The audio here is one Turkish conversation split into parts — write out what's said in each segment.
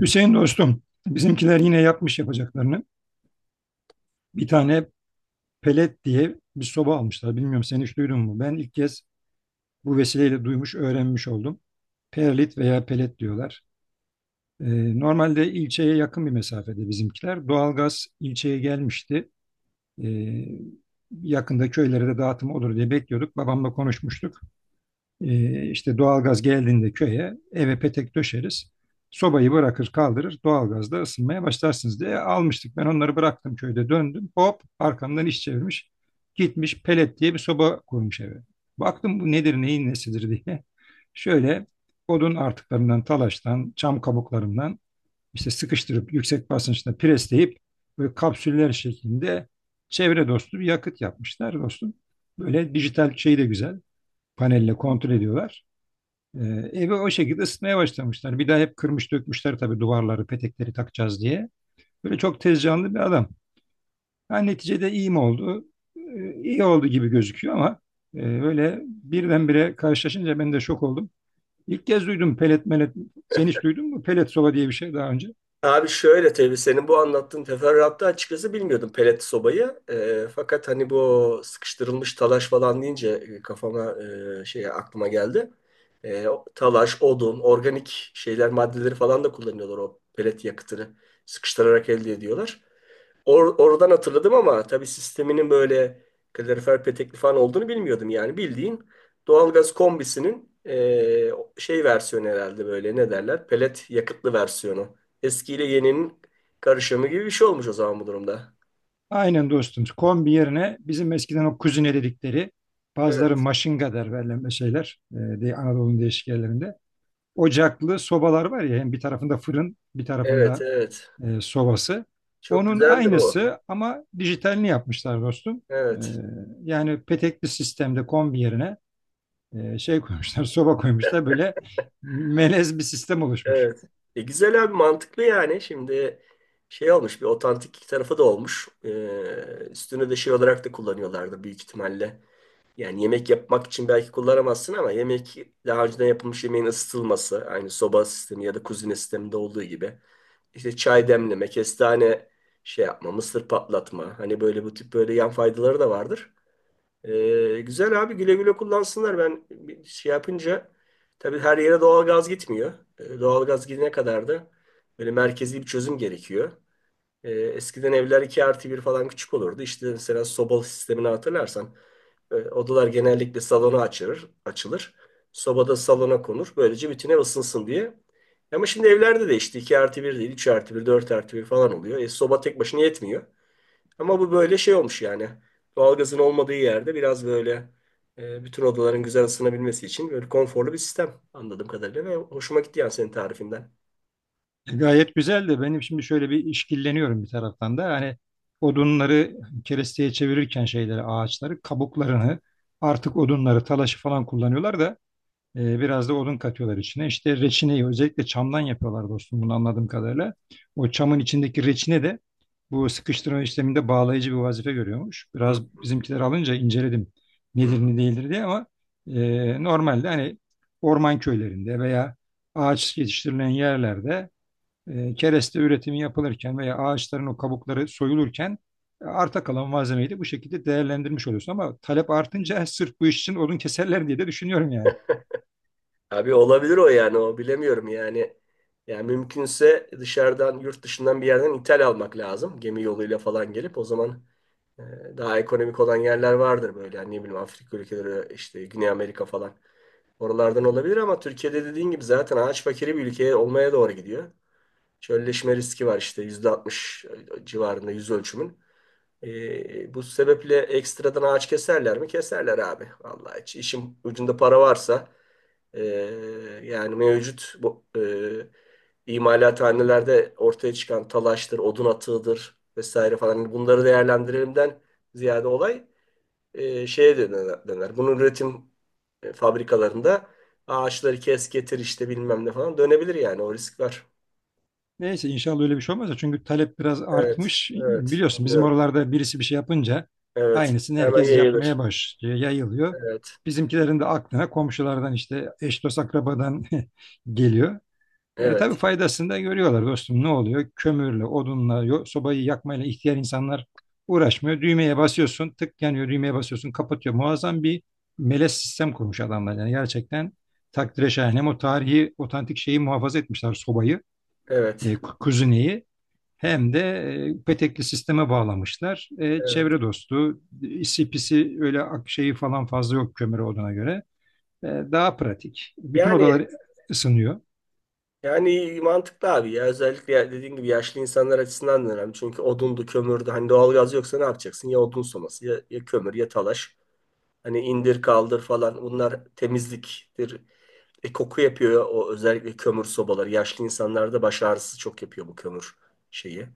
Hüseyin dostum, bizimkiler yine yapmış yapacaklarını. Bir tane pelet diye bir soba almışlar. Bilmiyorum sen hiç duydun mu? Ben ilk kez bu vesileyle duymuş, öğrenmiş oldum. Perlit veya pelet diyorlar. Normalde ilçeye yakın bir mesafede bizimkiler. Doğalgaz ilçeye gelmişti. Ee, Yakında köylere de dağıtım olur diye bekliyorduk. Babamla konuşmuştuk. İşte doğalgaz geldiğinde köye eve petek döşeriz. Sobayı bırakır kaldırır doğalgazda ısınmaya başlarsınız diye almıştık. Ben onları bıraktım köyde döndüm. Hop arkamdan iş çevirmiş. Gitmiş pelet diye bir soba kurmuş eve. Baktım bu nedir neyin nesidir diye. Şöyle odun artıklarından talaştan çam kabuklarından işte sıkıştırıp yüksek basınçta presleyip böyle kapsüller şeklinde çevre dostu bir yakıt yapmışlar dostum. Böyle dijital şeyi de güzel panelle kontrol ediyorlar. Evi o şekilde ısıtmaya başlamışlar. Bir daha hep kırmış dökmüşler tabii duvarları, petekleri takacağız diye. Böyle çok tez canlı bir adam. Ha, neticede iyi mi oldu? İyi oldu gibi gözüküyor ama böyle birdenbire karşılaşınca ben de şok oldum. İlk kez duydum pelet melet. Sen hiç duydun mu? Pelet soba diye bir şey daha önce. Abi şöyle tabii senin bu anlattığın teferruatta açıkçası bilmiyordum pelet sobayı. Fakat hani bu sıkıştırılmış talaş falan deyince e, kafama e, şey aklıma geldi. Talaş, odun, organik şeyler maddeleri falan da kullanıyorlar o pelet yakıtını sıkıştırarak elde ediyorlar. Oradan hatırladım ama tabii sisteminin böyle kalorifer petekli falan olduğunu bilmiyordum yani. Bildiğin doğalgaz kombisinin şey versiyonu herhalde böyle ne derler? Pelet yakıtlı versiyonu. Eskiyle yeninin karışımı gibi bir şey olmuş o zaman bu durumda. Aynen dostum. Kombi yerine bizim eskiden o kuzine dedikleri, bazıları Evet, maşınga der, verilen şeyler diye Anadolu'nun değişik yerlerinde. Ocaklı sobalar var ya, hem bir tarafında fırın bir evet, tarafında evet. Sovası. Çok Onun güzeldir o. aynısı ama dijitalini yapmışlar dostum. E, Evet, Yani petekli sistemde kombi yerine şey koymuşlar, soba koymuşlar. Böyle melez bir sistem oluşmuş. evet. Güzel abi, mantıklı yani. Şimdi şey olmuş, bir otantik tarafı da olmuş. Üstünü de şey olarak da kullanıyorlardı büyük ihtimalle. Yani yemek yapmak için belki kullanamazsın ama yemek, daha önceden yapılmış yemeğin ısıtılması, aynı soba sistemi ya da kuzine sisteminde olduğu gibi. İşte çay demleme, kestane şey yapma, mısır patlatma. Hani böyle bu tip böyle yan faydaları da vardır. Güzel abi, güle güle kullansınlar. Ben bir şey yapınca tabii her yere doğalgaz gitmiyor. Doğalgaz gidene kadar da böyle merkezi bir çözüm gerekiyor. Eskiden evler 2 artı 1 falan küçük olurdu. İşte mesela sobalı sistemini hatırlarsan odalar genellikle salona açılır. Sobada salona konur. Böylece bütün ev ısınsın diye. Ama şimdi evlerde de işte 2 artı 1 değil, 3 artı 1, 4 artı 1 falan oluyor. Soba tek başına yetmiyor. Ama bu böyle şey olmuş yani. Doğalgazın olmadığı yerde biraz böyle bütün odaların güzel ısınabilmesi için böyle konforlu bir sistem, anladığım kadarıyla ve hoşuma gitti yani senin tarifinden. Gayet güzel de benim şimdi şöyle bir işkilleniyorum bir taraftan da. Hani odunları keresteye çevirirken şeyleri, ağaçları, kabuklarını, artık odunları, talaşı falan kullanıyorlar da biraz da odun katıyorlar içine. İşte reçineyi özellikle çamdan yapıyorlar dostum, bunu anladığım kadarıyla. O çamın içindeki reçine de bu sıkıştırma işleminde bağlayıcı bir vazife görüyormuş. Hı Biraz bizimkiler alınca inceledim hı. nedir ne değildir diye, ama normalde hani orman köylerinde veya ağaç yetiştirilen yerlerde kereste üretimi yapılırken veya ağaçların o kabukları soyulurken arta kalan malzemeyi de bu şekilde değerlendirmiş oluyorsun. Ama talep artınca sırf bu iş için odun keserler diye de düşünüyorum yani. Abi olabilir o, yani o bilemiyorum yani. Yani mümkünse dışarıdan, yurt dışından bir yerden ithal almak lazım. Gemi yoluyla falan gelip o zaman e, daha ekonomik olan yerler vardır böyle. Yani ne bileyim Afrika ülkeleri, işte Güney Amerika falan. Oralardan olabilir ama Türkiye'de dediğin gibi zaten ağaç fakiri bir ülke olmaya doğru gidiyor. Çölleşme riski var işte %60 civarında yüz ölçümün. Bu sebeple ekstradan ağaç keserler mi? Keserler abi. Vallahi hiç, işin ucunda para varsa ee, yani mevcut bu imalathanelerde ortaya çıkan talaştır, odun atığıdır vesaire falan, hani bunları değerlendirelimden ziyade olay şeye döner. Bunun üretim fabrikalarında ağaçları kes getir işte bilmem ne falan dönebilir yani, o risk var. Neyse inşallah öyle bir şey olmaz da, çünkü talep biraz Evet, artmış. evet, Biliyorsun bizim anlıyorum. oralarda birisi bir şey yapınca Evet, aynısını hemen herkes yayılır. yapmaya başlıyor, yayılıyor. Evet, Bizimkilerin de aklına komşulardan işte eş dost akrabadan geliyor. Tabii evet. faydasını da görüyorlar dostum, ne oluyor? Kömürle, odunla, sobayı yakmayla ihtiyar insanlar uğraşmıyor. Düğmeye basıyorsun, tık yanıyor, düğmeye basıyorsun, kapatıyor. Muazzam bir melez sistem kurmuş adamlar. Yani gerçekten takdire şayan. Hem o tarihi, otantik şeyi muhafaza etmişler, sobayı Evet, kuzineyi, hem de petekli sisteme bağlamışlar. Evet. Çevre dostu, isi pisi öyle ak- şeyi falan fazla yok kömür odana göre. Daha pratik. Bütün Yani odalar ısınıyor. yani mantıklı abi ya, özellikle dediğin gibi yaşlı insanlar açısından da önemli. Çünkü odundu, kömürdü. Hani doğalgaz yoksa ne yapacaksın? Ya odun soması ya, ya kömür ya talaş. Hani indir kaldır falan, bunlar temizliktir. Koku yapıyor o, özellikle kömür sobaları. Yaşlı insanlarda baş ağrısı çok yapıyor bu kömür şeyi.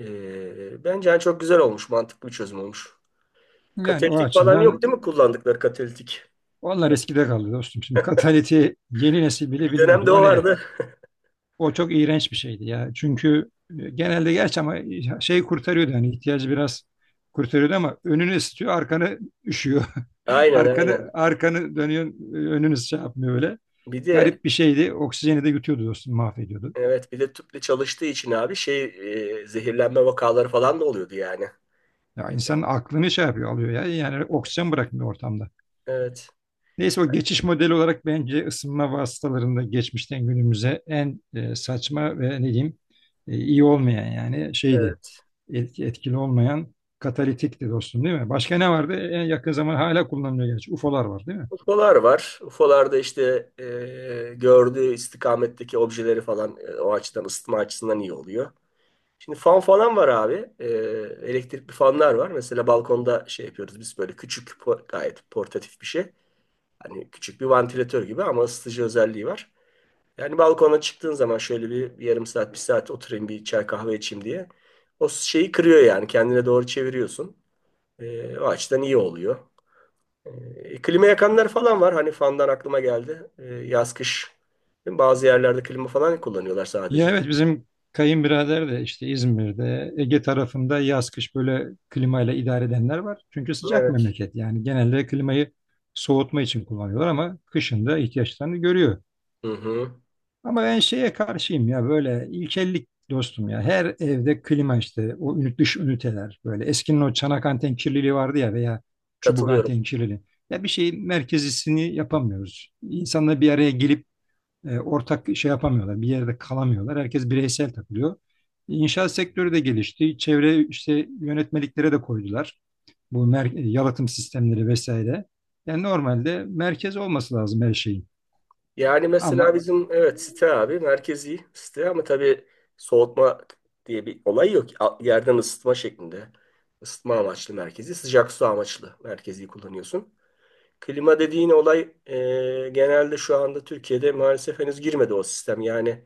Bence yani çok güzel olmuş, mantıklı bir çözüm olmuş. Yani o Katalitik falan yok değil açıdan mi, kullandıkları katalitik? onlar eskide kaldı dostum. Şimdi kataliti yeni nesil bile Bir bilmiyordur. dönemde O o ne? vardı. O çok iğrenç bir şeydi ya. Çünkü genelde gerçi, ama şey kurtarıyordu, hani ihtiyacı biraz kurtarıyordu ama önünü ısıtıyor, arkanı üşüyor. Aynen, Arkanı aynen. arkanı dönüyor, önünü şey yapmıyor öyle. Bir de Garip bir şeydi. Oksijeni de yutuyordu dostum, mahvediyordu. evet, bir de tüple çalıştığı için abi şey, zehirlenme vakaları falan da oluyordu yani. Ya insanın aklını şey yapıyor, alıyor ya. Yani oksijen bırakmıyor ortamda. Evet. Neyse, o geçiş modeli olarak bence ısınma vasıtalarında geçmişten günümüze en saçma ve ne diyeyim iyi olmayan yani şeydi. Evet. Etkili olmayan katalitikti dostum değil mi? Başka ne vardı? En yakın zaman hala kullanılıyor gerçi. UFO'lar var değil mi? UFO'lar var. UFO'larda işte gördüğü istikametteki objeleri falan, o açıdan ısıtma açısından iyi oluyor. Şimdi fan falan var abi. Elektrikli fanlar var. Mesela balkonda şey yapıyoruz biz, böyle küçük gayet portatif bir şey. Hani küçük bir vantilatör gibi ama ısıtıcı özelliği var. Yani balkona çıktığın zaman şöyle bir yarım saat, bir saat oturayım, bir çay kahve içeyim diye. O şeyi kırıyor yani. Kendine doğru çeviriyorsun. O açıdan iyi oluyor. Klima yakanlar falan var. Hani fandan aklıma geldi. Yaz kış. Bazı yerlerde klima falan kullanıyorlar Ya sadece. evet, bizim kayınbirader de işte İzmir'de, Ege tarafında yaz kış böyle klimayla idare edenler var. Çünkü sıcak Evet. memleket, yani genelde klimayı soğutma için kullanıyorlar ama kışın da ihtiyaçlarını görüyor. Hı hı. Ama ben şeye karşıyım ya, böyle ilkellik dostum ya, her evde klima işte, o ünit dış üniteler, böyle eskinin o çanak anten kirliliği vardı ya, veya çubuk Katılıyorum. anten kirliliği. Ya bir şeyin merkezisini yapamıyoruz. İnsanla bir araya gelip ortak şey yapamıyorlar. Bir yerde kalamıyorlar. Herkes bireysel takılıyor. İnşaat sektörü de gelişti. Çevre işte yönetmeliklere de koydular. Bu yalıtım sistemleri vesaire. Yani normalde merkez olması lazım her şeyin. Yani mesela Ama bizim, evet, site abi, merkezi site ama tabii soğutma diye bir olay yok. Yerden ısıtma şeklinde. Isıtma amaçlı merkezi, sıcak su amaçlı merkezi kullanıyorsun. Klima dediğin olay genelde şu anda Türkiye'de maalesef henüz girmedi o sistem. Yani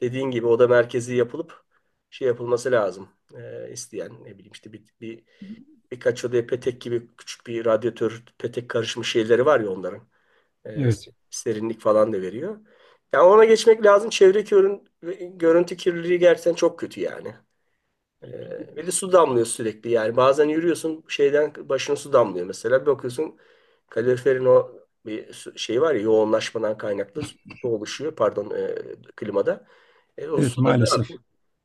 dediğin gibi o da merkezi yapılıp şey yapılması lazım. İsteyen ne bileyim işte bir, birkaç odaya petek gibi küçük bir radyatör, petek karışmış şeyleri var ya onların. E, evet, Serinlik falan da veriyor. Yani ona geçmek lazım. Görüntü kirliliği gerçekten çok kötü yani. E, Ve de su damlıyor sürekli. Yani bazen yürüyorsun, şeyden başına su damlıyor mesela. Bir bakıyorsun kaloriferin o şey var ya, yoğunlaşmadan kaynaklı su oluşuyor, pardon, klimada. O evet su da ne maalesef. yapıyor?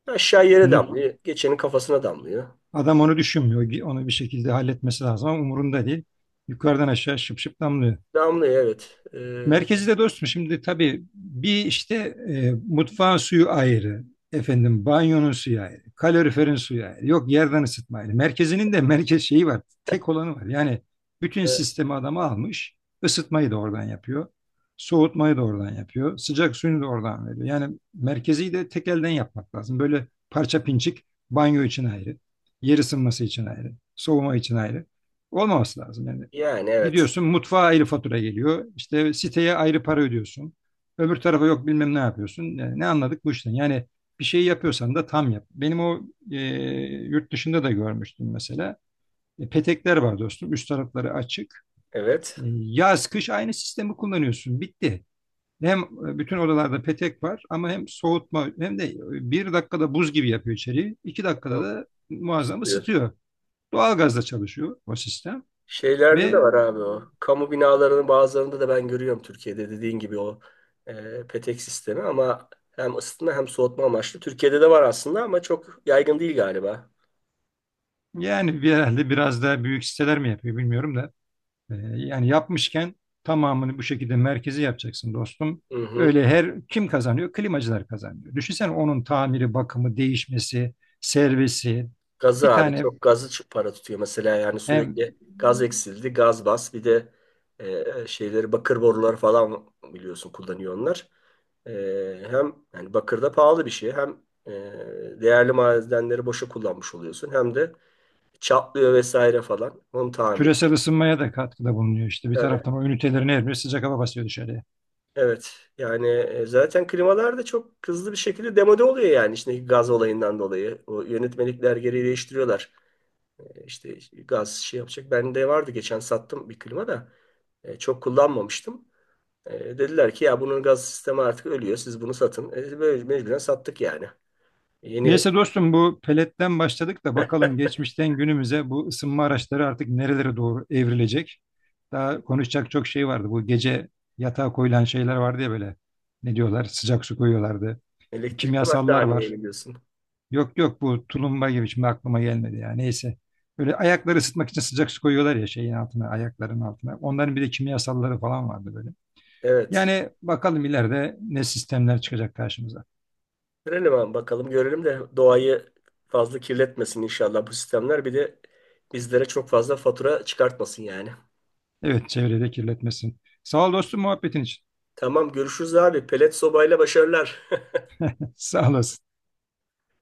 Aşağı yere Hı. damlıyor. Geçenin kafasına damlıyor. Adam onu düşünmüyor. Onu bir şekilde halletmesi lazım ama umurunda değil. Yukarıdan aşağı şıp şıp damlıyor. Damlıyor, evet. Merkezi de dostum, şimdi tabii bir işte mutfağın suyu ayrı, efendim banyonun suyu ayrı, kaloriferin suyu ayrı, yok yerden ısıtma ayrı. Merkezinin de merkez şeyi var, tek olanı var. Yani bütün e, sistemi adamı almış, ısıtmayı da oradan yapıyor, soğutmayı da oradan yapıyor, sıcak suyunu da oradan veriyor. Yani merkezi de tek elden yapmak lazım. Böyle parça pinçik, banyo için ayrı, yer ısınması için ayrı, soğuma için ayrı olmaması lazım. Yani yani evet. gidiyorsun mutfağa ayrı fatura geliyor. İşte siteye ayrı para ödüyorsun. Öbür tarafa yok bilmem ne yapıyorsun. Yani ne anladık bu işten? Yani bir şeyi yapıyorsan da tam yap. Benim o e, yurt dışında da görmüştüm mesela. Petekler var dostum. Üst tarafları açık. Evet. Yaz kış aynı sistemi kullanıyorsun. Bitti. Hem bütün odalarda petek var, ama hem soğutma hem de bir dakikada buz gibi yapıyor içeriği. 2 dakikada Tamam. da muazzam ısıtıyor. Doğalgazla çalışıyor o sistem Şeylerde de ve var abi o. Kamu binalarının bazılarında da ben görüyorum Türkiye'de, dediğin gibi o petek sistemi ama hem ısıtma hem soğutma amaçlı. Türkiye'de de var aslında ama çok yaygın değil galiba. yani herhalde biraz daha büyük siteler mi yapıyor bilmiyorum da. Yani yapmışken tamamını bu şekilde merkezi yapacaksın dostum. Hı hı. Öyle her kim kazanıyor? Klimacılar kazanıyor. Düşünsene onun tamiri, bakımı, değişmesi, servisi. Gazı Bir abi, tane çok gazı para tutuyor mesela yani, hem sürekli gaz eksildi, gaz bas, bir de şeyleri bakır borular falan biliyorsun kullanıyor onlar. E, Hem yani bakır da pahalı bir şey, hem e, değerli madenleri boşa kullanmış oluyorsun, hem de çatlıyor vesaire falan. Onun tamiri. küresel ısınmaya da katkıda bulunuyor işte. Bir Yani, evet. taraftan o ünitelerin her biri sıcak hava basıyor dışarıya. evet. Yani zaten klimalar da çok hızlı bir şekilde demode oluyor yani, içindeki gaz olayından dolayı. O yönetmelikler geri değiştiriyorlar. İşte gaz şey yapacak. Bende vardı, geçen sattım bir klima da. Çok kullanmamıştım. Dediler ki ya, bunun gaz sistemi artık ölüyor, siz bunu satın. Böyle mecburen sattık yani. Yeni Neyse dostum, bu peletten başladık da bakalım geçmişten günümüze bu ısınma araçları artık nerelere doğru evrilecek. Daha konuşacak çok şey vardı. Bu gece yatağa koyulan şeyler vardı ya böyle. Ne diyorlar? Sıcak su koyuyorlardı. elektrikli Kimyasallar battaniyeyi var. biliyorsun. Yok yok, bu tulumba gibi, şimdi aklıma gelmedi ya. Neyse. Böyle ayakları ısıtmak için sıcak su koyuyorlar ya şeyin altına, ayakların altına. Onların bir de kimyasalları falan vardı böyle. Evet. Yani bakalım ileride ne sistemler çıkacak karşımıza. Görelim abi, bakalım görelim de doğayı fazla kirletmesin inşallah bu sistemler. Bir de bizlere çok fazla fatura çıkartmasın yani. Evet, çevrede kirletmesin. Sağ ol dostum muhabbetin için. Tamam, görüşürüz abi. Pelet sobayla başarılar. Sağ olasın.